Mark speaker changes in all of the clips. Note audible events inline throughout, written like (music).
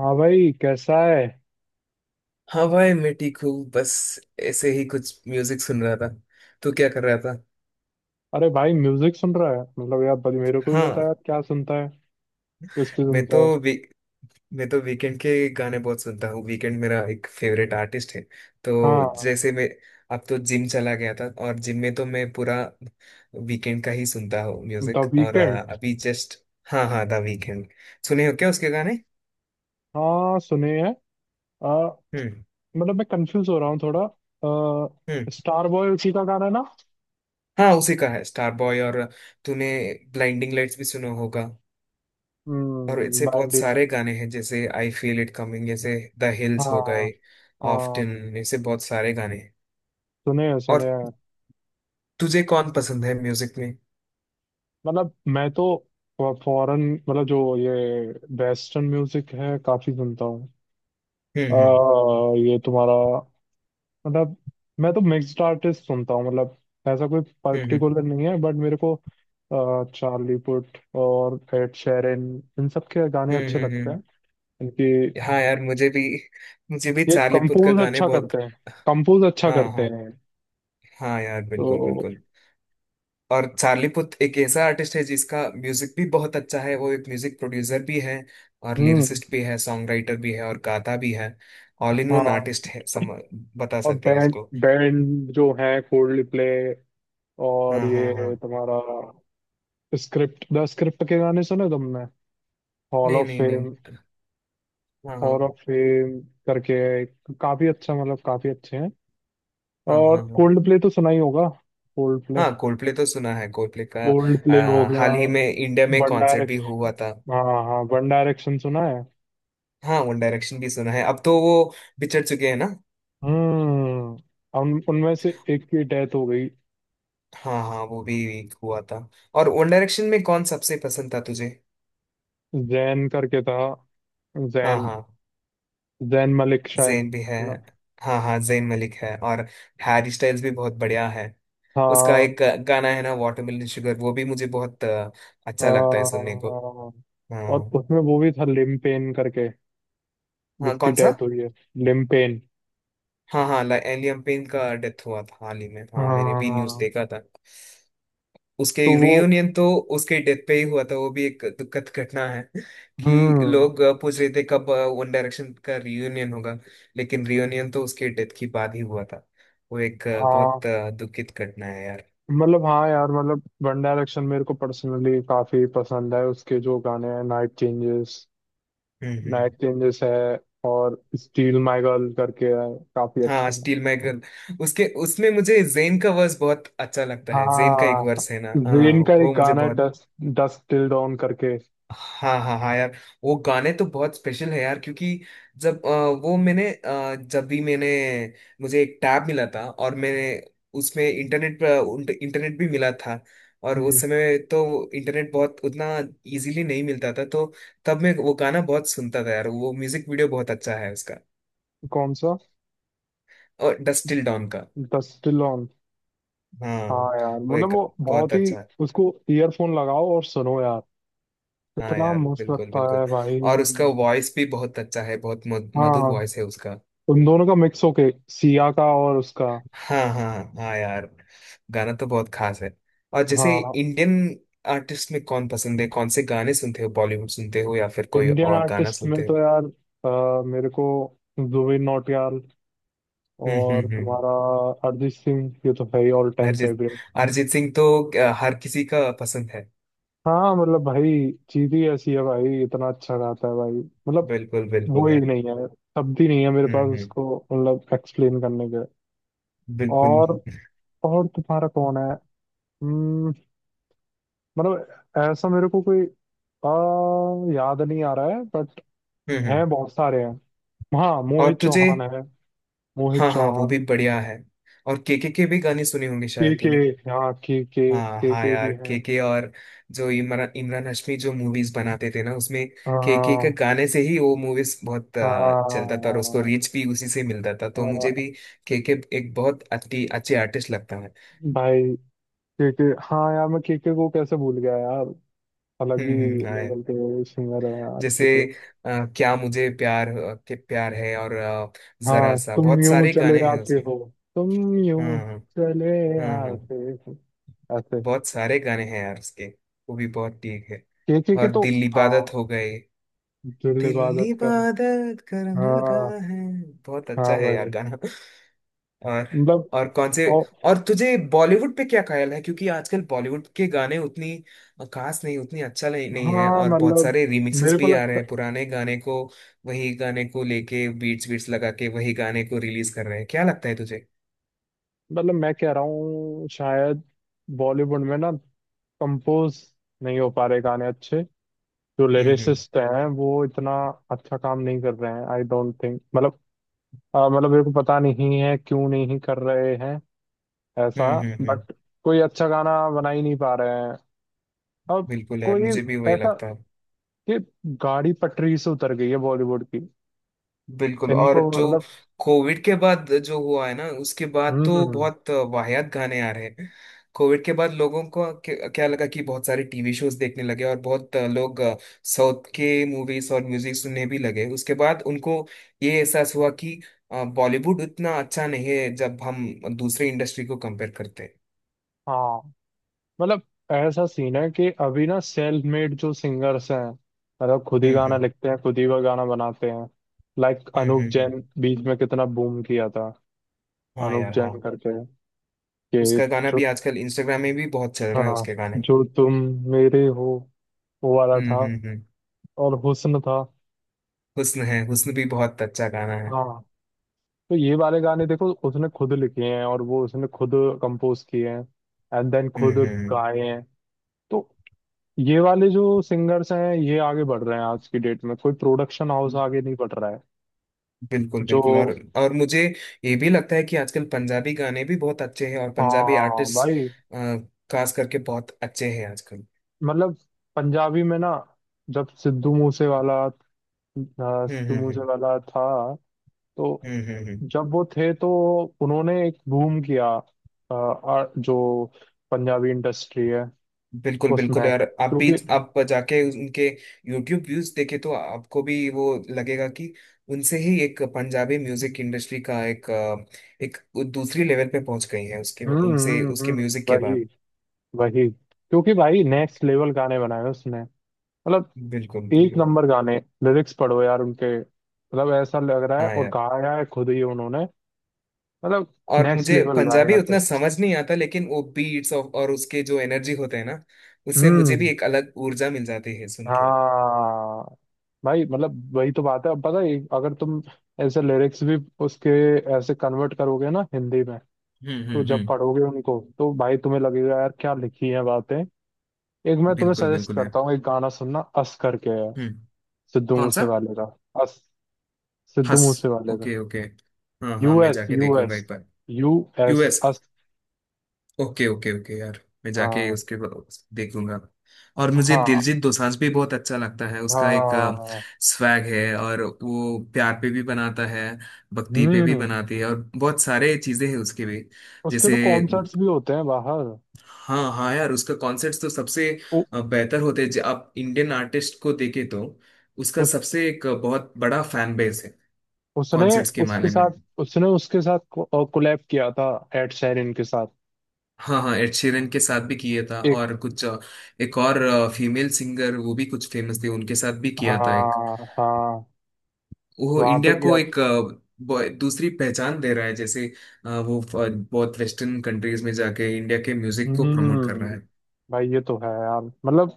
Speaker 1: हाँ भाई, कैसा है?
Speaker 2: हाँ भाई, मैं ठीक हूँ। बस ऐसे ही कुछ म्यूजिक सुन रहा था। तू क्या कर रहा था?
Speaker 1: अरे भाई, म्यूजिक सुन रहा है मतलब यार, बड़ी मेरे को भी बता
Speaker 2: हाँ,
Speaker 1: यार, क्या सुनता है? किसकी
Speaker 2: मैं
Speaker 1: सुनता है?
Speaker 2: तो वी, मैं तो वीकेंड के गाने बहुत सुनता हूँ। वीकेंड मेरा एक फेवरेट आर्टिस्ट है। तो
Speaker 1: हाँ,
Speaker 2: जैसे मैं अब तो जिम चला गया था और जिम में तो मैं पूरा वीकेंड का ही सुनता हूँ म्यूजिक।
Speaker 1: द
Speaker 2: और
Speaker 1: वीकेंड।
Speaker 2: अभी जस्ट। हाँ हाँ, द वीकेंड। सुने हो क्या उसके गाने?
Speaker 1: हाँ, सुने हैं। आ,
Speaker 2: हम्म।
Speaker 1: मतलब मैं कंफ्यूज हो रहा हूँ थोड़ा। आ,
Speaker 2: हम्म।
Speaker 1: स्टार बॉय उसी का गाना है ना?
Speaker 2: हाँ, उसी का है स्टार बॉय। और तूने ब्लाइंडिंग लाइट्स भी सुना होगा। और
Speaker 1: हम्म,
Speaker 2: ऐसे बहुत
Speaker 1: बैंडिट।
Speaker 2: सारे गाने हैं जैसे आई फील इट कमिंग, जैसे द हिल्स हो
Speaker 1: हाँ
Speaker 2: गए,
Speaker 1: हाँ,
Speaker 2: ऑफ्टन, ऐसे बहुत सारे गाने हैं।
Speaker 1: सुने हैं,
Speaker 2: और
Speaker 1: सुने हैं।
Speaker 2: तुझे कौन पसंद है म्यूजिक में?
Speaker 1: मतलब मैं तो फॉरेन, मतलब जो ये वेस्टर्न म्यूजिक है काफी सुनता हूँ। आ,
Speaker 2: हम्म हम्म
Speaker 1: ये तुम्हारा, मतलब मैं तो मिक्स्ड आर्टिस्ट सुनता हूँ, मतलब ऐसा कोई
Speaker 2: हम्म हम्म
Speaker 1: पर्टिकुलर नहीं है, बट मेरे को चार्ली पुट और एड शेरन, इन सब के गाने
Speaker 2: हम्म
Speaker 1: अच्छे
Speaker 2: हम्म
Speaker 1: लगते
Speaker 2: हम्म।
Speaker 1: हैं। इनकी
Speaker 2: हाँ यार, मुझे भी
Speaker 1: ये
Speaker 2: चार्ली पुथ का
Speaker 1: कंपोज
Speaker 2: गाने
Speaker 1: अच्छा
Speaker 2: बहुत।
Speaker 1: करते हैं, कंपोज अच्छा
Speaker 2: हाँ
Speaker 1: करते
Speaker 2: हाँ।
Speaker 1: हैं
Speaker 2: हाँ यार, बिल्कुल
Speaker 1: तो।
Speaker 2: बिल्कुल। और चार्ली पुथ एक ऐसा आर्टिस्ट है जिसका म्यूजिक भी बहुत अच्छा है। वो एक म्यूजिक प्रोड्यूसर भी है और
Speaker 1: हम्म।
Speaker 2: लिरिसिस्ट भी है, सॉन्ग राइटर भी है और गाता भी है। ऑल इन वन
Speaker 1: हाँ,
Speaker 2: आर्टिस्ट है, सम बता
Speaker 1: और
Speaker 2: सकते हो
Speaker 1: बैंड
Speaker 2: उसको।
Speaker 1: बैंड जो है, कोल्ड प्ले। और
Speaker 2: हाँ हाँ हाँ।
Speaker 1: ये तुम्हारा स्क्रिप्ट, द स्क्रिप्ट के गाने सुने तुमने? हॉल
Speaker 2: नहीं
Speaker 1: ऑफ
Speaker 2: नहीं नहीं।
Speaker 1: फेम,
Speaker 2: हाँ
Speaker 1: हॉल ऑफ
Speaker 2: हाँ
Speaker 1: फेम करके काफी अच्छा, मतलब काफी अच्छे हैं।
Speaker 2: हाँ।
Speaker 1: और
Speaker 2: हाँ हाँ
Speaker 1: कोल्ड प्ले तो सुना ही होगा। कोल्ड प्ले,
Speaker 2: हाँ, कोल्डप्ले तो सुना है, कोल्डप्ले का।
Speaker 1: कोल्ड प्ले हो गया।
Speaker 2: हाल ही में इंडिया में
Speaker 1: वन
Speaker 2: कॉन्सर्ट भी
Speaker 1: डायरेक्शन।
Speaker 2: हुआ था।
Speaker 1: हाँ हाँ, वन डायरेक्शन सुना है।
Speaker 2: हाँ, वन डायरेक्शन भी सुना है। अब तो वो बिछड़ चुके हैं ना।
Speaker 1: हम्म, उन उनमें से एक की डेथ हो गई।
Speaker 2: हाँ हाँ, वो भी हुआ था। और वन डायरेक्शन में कौन सबसे पसंद था तुझे?
Speaker 1: जैन करके था,
Speaker 2: हाँ
Speaker 1: जैन,
Speaker 2: हाँ,
Speaker 1: जैन मलिक शायद,
Speaker 2: जेन भी है।
Speaker 1: ना?
Speaker 2: हाँ हाँ, जेन मलिक है। और हैरी स्टाइल्स भी बहुत बढ़िया है। उसका
Speaker 1: हाँ
Speaker 2: एक गाना है ना वाटरमेलन शुगर, वो भी मुझे बहुत अच्छा लगता है सुनने को।
Speaker 1: हाँ, और
Speaker 2: हाँ
Speaker 1: उसमें वो भी था लिमपेन करके,
Speaker 2: हाँ।
Speaker 1: जिसकी
Speaker 2: कौन सा?
Speaker 1: डेथ हुई है, लिमपेन।
Speaker 2: हाँ हाँ, एलियम पेन का डेथ हुआ था हाल ही में। हाँ, मैंने भी न्यूज
Speaker 1: हाँ,
Speaker 2: देखा था। उसके
Speaker 1: तो वो।
Speaker 2: रियूनियन तो उसके डेथ पे ही हुआ था। वो भी एक दुखद घटना है कि
Speaker 1: हम्म,
Speaker 2: लोग पूछ रहे थे कब वन डायरेक्शन का रियूनियन होगा। लेकिन रियूनियन तो उसके डेथ के बाद ही हुआ था। वो एक
Speaker 1: हाँ,
Speaker 2: बहुत दुखित घटना है यार।
Speaker 1: मतलब हाँ यार, मतलब वन डायरेक्शन मेरे को पर्सनली काफी पसंद है। उसके जो गाने हैं, नाइट चेंजेस,
Speaker 2: हम्म।
Speaker 1: नाइट चेंजेस है, और स्टील माय गर्ल करके है, काफी
Speaker 2: हाँ
Speaker 1: अच्छा है।
Speaker 2: स्टील माई गर्ल, उसके उसमें मुझे जेन का वर्स बहुत अच्छा लगता है। जेन का एक
Speaker 1: हाँ,
Speaker 2: वर्स है ना। हाँ।
Speaker 1: जेन का एक
Speaker 2: वो मुझे
Speaker 1: गाना है
Speaker 2: बहुत।
Speaker 1: डस्ट, डस्ट टिल डॉन करके।
Speaker 2: हाँ हाँ हाँ यार, वो गाने तो बहुत स्पेशल है यार क्योंकि जब वो मैंने अ, जब भी मैंने मुझे एक टैब मिला था और मैंने उसमें इंटरनेट पर इंटरनेट भी मिला था। और उस
Speaker 1: हम्म,
Speaker 2: समय तो इंटरनेट बहुत उतना इजीली नहीं मिलता था, तो तब मैं वो गाना बहुत सुनता था यार। वो म्यूजिक वीडियो बहुत अच्छा है उसका।
Speaker 1: कौन सा?
Speaker 2: और डस्ट टिल डॉन का।
Speaker 1: Dust Till Dawn.
Speaker 2: हाँ।
Speaker 1: हाँ यार,
Speaker 2: वो
Speaker 1: मतलब
Speaker 2: एक
Speaker 1: वो
Speaker 2: बहुत
Speaker 1: बहुत ही,
Speaker 2: अच्छा है।
Speaker 1: उसको ईयरफोन लगाओ और सुनो यार,
Speaker 2: हाँ
Speaker 1: इतना
Speaker 2: यार,
Speaker 1: मस्त
Speaker 2: बिल्कुल
Speaker 1: लगता
Speaker 2: बिल्कुल।
Speaker 1: है भाई।
Speaker 2: और उसका वॉइस भी बहुत अच्छा है, बहुत मधुर
Speaker 1: हाँ,
Speaker 2: वॉइस है उसका।
Speaker 1: उन दोनों का मिक्स होके, सिया का और उसका।
Speaker 2: हाँ हाँ हाँ यार, गाना तो बहुत खास है। और जैसे
Speaker 1: हाँ।
Speaker 2: इंडियन आर्टिस्ट में कौन पसंद है? कौन से गाने सुनते हो? बॉलीवुड सुनते हो या फिर कोई
Speaker 1: इंडियन
Speaker 2: और गाना
Speaker 1: आर्टिस्ट में
Speaker 2: सुनते
Speaker 1: तो
Speaker 2: हो?
Speaker 1: यार मेरे को जुबिन नौटियाल,
Speaker 2: हम्म हम्म
Speaker 1: और
Speaker 2: हम्म हम्म।
Speaker 1: तुम्हारा अरिजीत सिंह, ये तो है ही all time
Speaker 2: Arijit,
Speaker 1: favourite.
Speaker 2: Arijit Singh तो हर किसी का पसंद है।
Speaker 1: हाँ, मतलब भाई चीज ही ऐसी है भाई, इतना अच्छा गाता है भाई, मतलब
Speaker 2: बिल्कुल
Speaker 1: वो
Speaker 2: बिल्कुल
Speaker 1: ही
Speaker 2: यार।
Speaker 1: नहीं है, शब्द ही नहीं है मेरे पास
Speaker 2: हम्म।
Speaker 1: उसको, मतलब एक्सप्लेन करने के।
Speaker 2: बिल्कुल।
Speaker 1: और और तुम्हारा कौन है? हम्म, मतलब ऐसा मेरे को कोई याद नहीं आ रहा है, बट
Speaker 2: हम्म।
Speaker 1: हैं, बहुत सारे हैं। हाँ,
Speaker 2: और
Speaker 1: मोहित
Speaker 2: तुझे।
Speaker 1: चौहान है, मोहित
Speaker 2: हाँ हाँ, वो भी
Speaker 1: चौहान।
Speaker 2: बढ़िया है। और के भी गाने सुने होंगे
Speaker 1: के
Speaker 2: शायद।
Speaker 1: के। हाँ, के,
Speaker 2: हाँ हाँ
Speaker 1: के भी
Speaker 2: यार,
Speaker 1: हैं।
Speaker 2: केके और जो इमरान इमरान हाशमी जो मूवीज बनाते थे ना उसमें केके के
Speaker 1: हाँ
Speaker 2: गाने से ही वो मूवीज बहुत
Speaker 1: हाँ
Speaker 2: चलता था और उसको
Speaker 1: हाँ।
Speaker 2: रीच भी उसी से मिलता था। तो मुझे
Speaker 1: हाँ,
Speaker 2: भी केके एक बहुत अच्छी अच्छे आर्टिस्ट लगता है।
Speaker 1: भाई के, हाँ यार, मैं के को कैसे भूल गया यार, अलग ही
Speaker 2: हम्म। हाँ यार।
Speaker 1: लेवल के सिंगर है यार के
Speaker 2: जैसे
Speaker 1: के।
Speaker 2: क्या मुझे प्यार के प्यार है और जरा
Speaker 1: हाँ,
Speaker 2: सा,
Speaker 1: तुम
Speaker 2: बहुत
Speaker 1: यूं
Speaker 2: सारे
Speaker 1: चले
Speaker 2: गाने हैं
Speaker 1: आते
Speaker 2: उसके।
Speaker 1: हो, तुम यूं
Speaker 2: हाँ हाँ
Speaker 1: चले
Speaker 2: हाँ हाँ।
Speaker 1: आते हो, ऐसे।
Speaker 2: बहुत सारे गाने हैं यार उसके। वो भी बहुत ठीक है।
Speaker 1: के
Speaker 2: और
Speaker 1: तो,
Speaker 2: दिल इबादत
Speaker 1: हाँ,
Speaker 2: हो गए,
Speaker 1: दिल
Speaker 2: दिल
Speaker 1: इबादत कर।
Speaker 2: इबादत करने लगा
Speaker 1: हाँ,
Speaker 2: है, बहुत
Speaker 1: हाँ
Speaker 2: अच्छा है यार
Speaker 1: भाई,
Speaker 2: गाना। और
Speaker 1: मतलब।
Speaker 2: और कौन से।
Speaker 1: और
Speaker 2: और तुझे बॉलीवुड पे क्या ख्याल है, क्योंकि आजकल बॉलीवुड के गाने उतनी खास नहीं, उतनी अच्छा नहीं, नहीं है
Speaker 1: हाँ,
Speaker 2: और बहुत
Speaker 1: मतलब
Speaker 2: सारे रिमिक्सेस
Speaker 1: मेरे को
Speaker 2: भी आ रहे
Speaker 1: लगता,
Speaker 2: हैं पुराने गाने को, वही गाने को लेके बीट्स बीट्स लगा के वही गाने को रिलीज कर रहे हैं। क्या लगता है तुझे?
Speaker 1: मतलब मैं कह रहा हूँ शायद बॉलीवुड में ना, कंपोज नहीं हो पा रहे गाने अच्छे, जो
Speaker 2: हम्म हम्म
Speaker 1: लिरिसिस्ट हैं वो इतना अच्छा काम नहीं कर रहे हैं, आई डोंट थिंक, मतलब मतलब मेरे को पता नहीं है क्यों नहीं कर रहे हैं ऐसा,
Speaker 2: हम्म।
Speaker 1: बट कोई अच्छा गाना बना ही नहीं पा रहे हैं अब,
Speaker 2: बिल्कुल यार,
Speaker 1: कोई
Speaker 2: मुझे भी वही
Speaker 1: ऐसा
Speaker 2: लगता है।
Speaker 1: कि गाड़ी पटरी से उतर गई है बॉलीवुड की।
Speaker 2: बिल्कुल, और
Speaker 1: इनको
Speaker 2: जो
Speaker 1: मतलब।
Speaker 2: कोविड के बाद जो हुआ है ना, उसके बाद तो
Speaker 1: हम्म,
Speaker 2: बहुत वाहियात गाने आ रहे हैं। कोविड के बाद लोगों को क्या क्या लगा कि बहुत सारे टीवी शोज देखने लगे और बहुत लोग साउथ के मूवीज और म्यूजिक सुनने भी लगे। उसके बाद उनको ये एहसास हुआ कि बॉलीवुड उतना अच्छा नहीं है जब हम दूसरे इंडस्ट्री को कंपेयर करते हैं।
Speaker 1: हाँ, मतलब ऐसा सीन है कि अभी ना, सेल्फ मेड जो सिंगर्स हैं, मतलब खुद ही
Speaker 2: हम्म
Speaker 1: गाना
Speaker 2: हम्म
Speaker 1: लिखते हैं, खुद ही वो गाना बनाते हैं, लाइक
Speaker 2: हम्म
Speaker 1: अनूप
Speaker 2: हम्म हम्म।
Speaker 1: जैन, बीच में कितना बूम किया था,
Speaker 2: हाँ
Speaker 1: अनूप
Speaker 2: यार
Speaker 1: जैन
Speaker 2: हाँ।
Speaker 1: करके, कि
Speaker 2: उसका गाना
Speaker 1: जो,
Speaker 2: भी आजकल इंस्टाग्राम में भी बहुत चल रहा है,
Speaker 1: हाँ,
Speaker 2: उसके गाने।
Speaker 1: जो तुम मेरे हो, वो वाला था,
Speaker 2: हम्म।
Speaker 1: और हुस्न था।
Speaker 2: हुस्न है, हुस्न भी बहुत अच्छा गाना है।
Speaker 1: हाँ, तो ये वाले गाने देखो, उसने खुद लिखे हैं, और वो उसने खुद कंपोज किए हैं, एंड देन खुद
Speaker 2: हम्म।
Speaker 1: गाए हैं। तो ये वाले जो सिंगर्स हैं ये आगे बढ़ रहे हैं, आज की डेट में कोई प्रोडक्शन हाउस आगे नहीं बढ़ रहा है।
Speaker 2: बिल्कुल
Speaker 1: जो।
Speaker 2: बिल्कुल। और मुझे ये भी लगता है कि आजकल पंजाबी गाने भी बहुत अच्छे हैं और पंजाबी
Speaker 1: हाँ
Speaker 2: आर्टिस्ट
Speaker 1: भाई,
Speaker 2: खास करके बहुत अच्छे हैं आजकल।
Speaker 1: मतलब पंजाबी में ना, जब सिद्धू मूसे वाला,
Speaker 2: हम्म
Speaker 1: सिद्धू
Speaker 2: हम्म
Speaker 1: मूसे
Speaker 2: हम्म
Speaker 1: वाला था, तो,
Speaker 2: हम्म।
Speaker 1: जब वो थे तो, उन्होंने एक बूम किया जो पंजाबी इंडस्ट्री है
Speaker 2: बिल्कुल बिल्कुल
Speaker 1: उसमें,
Speaker 2: यार,
Speaker 1: क्योंकि,
Speaker 2: आप जाके उनके यूट्यूब व्यूज देखे तो आपको भी वो लगेगा कि उनसे ही एक पंजाबी म्यूजिक इंडस्ट्री का एक एक दूसरी लेवल पे पहुंच गई है, उसके उनसे उसके म्यूजिक के
Speaker 1: वही
Speaker 2: बाद।
Speaker 1: वही, क्योंकि भाई नेक्स्ट लेवल गाने बनाए उसने, मतलब
Speaker 2: बिल्कुल
Speaker 1: एक
Speaker 2: बिल्कुल।
Speaker 1: नंबर गाने, लिरिक्स पढ़ो यार उनके, मतलब ऐसा लग रहा है,
Speaker 2: हाँ
Speaker 1: और
Speaker 2: यार,
Speaker 1: गाया है खुद ही उन्होंने, मतलब
Speaker 2: और
Speaker 1: नेक्स्ट
Speaker 2: मुझे
Speaker 1: लेवल भाई
Speaker 2: पंजाबी उतना
Speaker 1: आर्टिस्ट।
Speaker 2: समझ नहीं आता लेकिन वो बीट्स और उसके जो एनर्जी होते हैं ना, उससे मुझे भी
Speaker 1: हम्म,
Speaker 2: एक अलग ऊर्जा मिल जाती है सुन के।
Speaker 1: हाँ भाई, मतलब वही तो बात है, अब पता है अगर तुम ऐसे लिरिक्स भी उसके ऐसे कन्वर्ट करोगे ना हिंदी में, तो जब
Speaker 2: हम्म।
Speaker 1: पढ़ोगे उनको तो भाई तुम्हें लगेगा यार क्या लिखी है बातें। एक मैं तुम्हें
Speaker 2: बिल्कुल
Speaker 1: सजेस्ट
Speaker 2: बिल्कुल यार।
Speaker 1: करता हूँ एक गाना सुनना, अस करके है,
Speaker 2: हम्म।
Speaker 1: सिद्धू
Speaker 2: कौन सा?
Speaker 1: मूसे वाले का, अस, सिद्धू
Speaker 2: हंस।
Speaker 1: मूसे वाले का।
Speaker 2: Okay okay. हाँ हाँ, मैं
Speaker 1: यूएस,
Speaker 2: जाके देखूंगा
Speaker 1: यूएस,
Speaker 2: एक बार।
Speaker 1: US.
Speaker 2: US. Okay okay okay यार, मैं जाके
Speaker 1: हाँ
Speaker 2: उसके देखूंगा। और मुझे
Speaker 1: हाँ
Speaker 2: दिलजीत दोसांझ भी बहुत अच्छा लगता है। उसका एक
Speaker 1: हाँ।
Speaker 2: स्वैग है और वो प्यार पे भी बनाता है, भक्ति पे भी
Speaker 1: हम्म,
Speaker 2: बनाती है और बहुत सारे चीजें हैं उसके भी।
Speaker 1: उसके तो
Speaker 2: जैसे
Speaker 1: कॉन्सर्ट्स भी होते हैं बाहर।
Speaker 2: हाँ हाँ यार, उसका कॉन्सर्ट्स तो सबसे
Speaker 1: उ,
Speaker 2: बेहतर होते हैं जब आप इंडियन आर्टिस्ट को देखे तो। उसका
Speaker 1: उस
Speaker 2: सबसे एक बहुत बड़ा फैन बेस है
Speaker 1: उसने
Speaker 2: कॉन्सर्ट्स के
Speaker 1: उसके
Speaker 2: मामले में।
Speaker 1: साथ, कोलैब किया था एड शेरिन के साथ,
Speaker 2: हाँ हाँ, एड शीरन के साथ भी किया था
Speaker 1: एक।
Speaker 2: और कुछ एक और फीमेल सिंगर वो भी कुछ फेमस थी, उनके साथ भी किया था एक।
Speaker 1: हाँ हाँ,
Speaker 2: वो
Speaker 1: वहां पे
Speaker 2: इंडिया को
Speaker 1: किया था।
Speaker 2: एक दूसरी पहचान दे रहा है। जैसे वो बहुत वेस्टर्न कंट्रीज में जाके इंडिया के म्यूजिक को प्रमोट कर
Speaker 1: हम्म,
Speaker 2: रहा है।
Speaker 1: भाई ये तो है यार, मतलब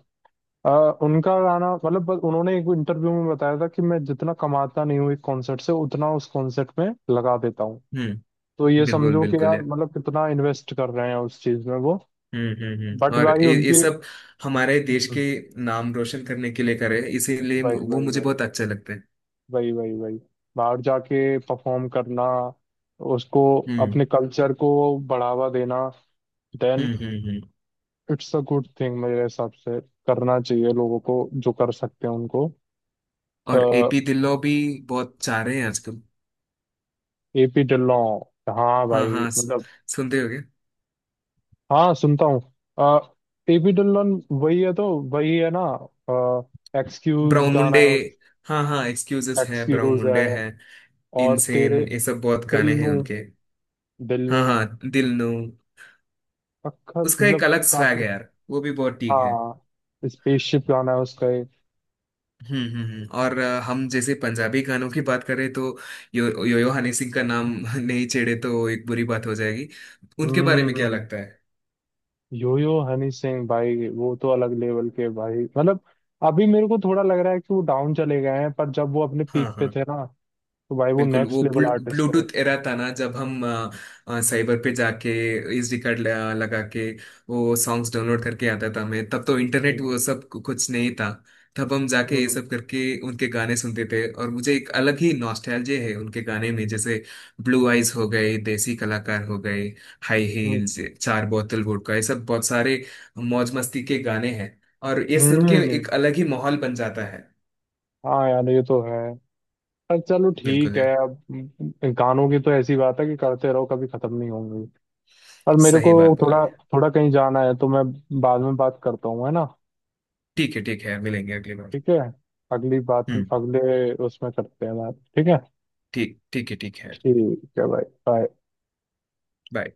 Speaker 1: अ, उनका गाना, मतलब बस उन्होंने एक इंटरव्यू में बताया था कि मैं जितना कमाता नहीं हूँ एक कॉन्सर्ट से, उतना उस कॉन्सर्ट में लगा देता हूँ।
Speaker 2: हम्म।
Speaker 1: तो ये
Speaker 2: बिल्कुल
Speaker 1: समझो कि
Speaker 2: बिल्कुल
Speaker 1: यार,
Speaker 2: यार।
Speaker 1: मतलब कितना इन्वेस्ट कर रहे हैं उस चीज में वो।
Speaker 2: हम्म।
Speaker 1: बट
Speaker 2: और
Speaker 1: भाई
Speaker 2: ये
Speaker 1: उनकी।
Speaker 2: सब हमारे देश के
Speaker 1: हम्म,
Speaker 2: नाम रोशन करने के लिए करे इसीलिए
Speaker 1: वही
Speaker 2: वो
Speaker 1: वही
Speaker 2: मुझे
Speaker 1: वही,
Speaker 2: बहुत अच्छा लगता है।
Speaker 1: वही वही वही, बाहर जाके परफॉर्म करना, उसको,
Speaker 2: हम्म
Speaker 1: अपने कल्चर को बढ़ावा देना, then,
Speaker 2: hmm.
Speaker 1: It's a good thing मेरे हिसाब से, करना चाहिए लोगों को, जो कर सकते हैं उनको।
Speaker 2: और एपी ढिल्लो भी बहुत चाह रहे हैं आजकल।
Speaker 1: एपी ढिल्लों। हाँ
Speaker 2: हाँ
Speaker 1: भाई,
Speaker 2: हाँ,
Speaker 1: मतलब,
Speaker 2: सुनते होगे।
Speaker 1: हाँ, सुनता हूँ। एपी ढिल्लों वही है तो, वही है ना, एक्सक्यूज
Speaker 2: ब्राउन
Speaker 1: गाना
Speaker 2: मुंडे।
Speaker 1: है,
Speaker 2: हाँ हाँ, एक्सक्यूजेस है, ब्राउन
Speaker 1: एक्सक्यूज है।
Speaker 2: मुंडे है,
Speaker 1: और तेरे
Speaker 2: इनसेन, ये सब बहुत
Speaker 1: दिल
Speaker 2: गाने हैं
Speaker 1: नू,
Speaker 2: उनके।
Speaker 1: दिल नू
Speaker 2: हाँ हाँ, दिल नो।
Speaker 1: पक्का,
Speaker 2: उसका एक
Speaker 1: मतलब
Speaker 2: अलग स्वैग
Speaker 1: काफी।
Speaker 2: है यार, वो भी बहुत ठीक है।
Speaker 1: हाँ, स्पेसशिप गाना है उसका एक।
Speaker 2: और हम जैसे पंजाबी गानों की बात करें तो यो यो, यो हनी सिंह का नाम (laughs) नहीं छेड़े तो एक बुरी बात हो जाएगी। उनके बारे में क्या
Speaker 1: हम्म,
Speaker 2: लगता है?
Speaker 1: यो यो हनी सिंह भाई, वो तो अलग लेवल के भाई, मतलब अभी मेरे को थोड़ा लग रहा है कि वो डाउन चले गए हैं, पर जब वो अपने
Speaker 2: हाँ
Speaker 1: पीक पे
Speaker 2: हाँ।
Speaker 1: थे ना, तो भाई वो
Speaker 2: बिल्कुल,
Speaker 1: नेक्स्ट
Speaker 2: वो
Speaker 1: लेवल आर्टिस्ट है।
Speaker 2: ब्लूटूथ एरा था ना जब हम साइबर पे जाके एसडी कार्ड लगा लगा के वो सॉन्ग्स डाउनलोड करके आता था। मैं तब तो इंटरनेट
Speaker 1: हम्म
Speaker 2: वो सब कुछ नहीं था। तब हम जाके ये
Speaker 1: हम्म
Speaker 2: सब करके उनके गाने सुनते थे और मुझे एक अलग ही नॉस्टैल्जिया है उनके गाने में, जैसे ब्लू आइज हो गए, देसी कलाकार हो गए, हाई हील्स, 4 बोतल वोडका, ये सब बहुत सारे मौज मस्ती के गाने हैं। और ये
Speaker 1: हम्म,
Speaker 2: सुन के एक अलग ही माहौल बन जाता है।
Speaker 1: हाँ यार ये तो है, पर चलो,
Speaker 2: बिल्कुल
Speaker 1: ठीक है,
Speaker 2: है,
Speaker 1: अब गानों की तो ऐसी बात है कि करते रहो, कभी खत्म नहीं होंगी। पर मेरे को
Speaker 2: सही बात बोली
Speaker 1: थोड़ा,
Speaker 2: है।
Speaker 1: थोड़ा कहीं जाना है तो मैं बाद में बात करता हूँ, है ना?
Speaker 2: ठीक है ठीक है, मिलेंगे अगली बार।
Speaker 1: ठीक है, अगली बात,
Speaker 2: हम्म।
Speaker 1: अगले उसमें करते हैं बात, ठीक है?
Speaker 2: ठीक, ठीक है, ठीक है।
Speaker 1: ठीक है भाई, बाय।
Speaker 2: Bye.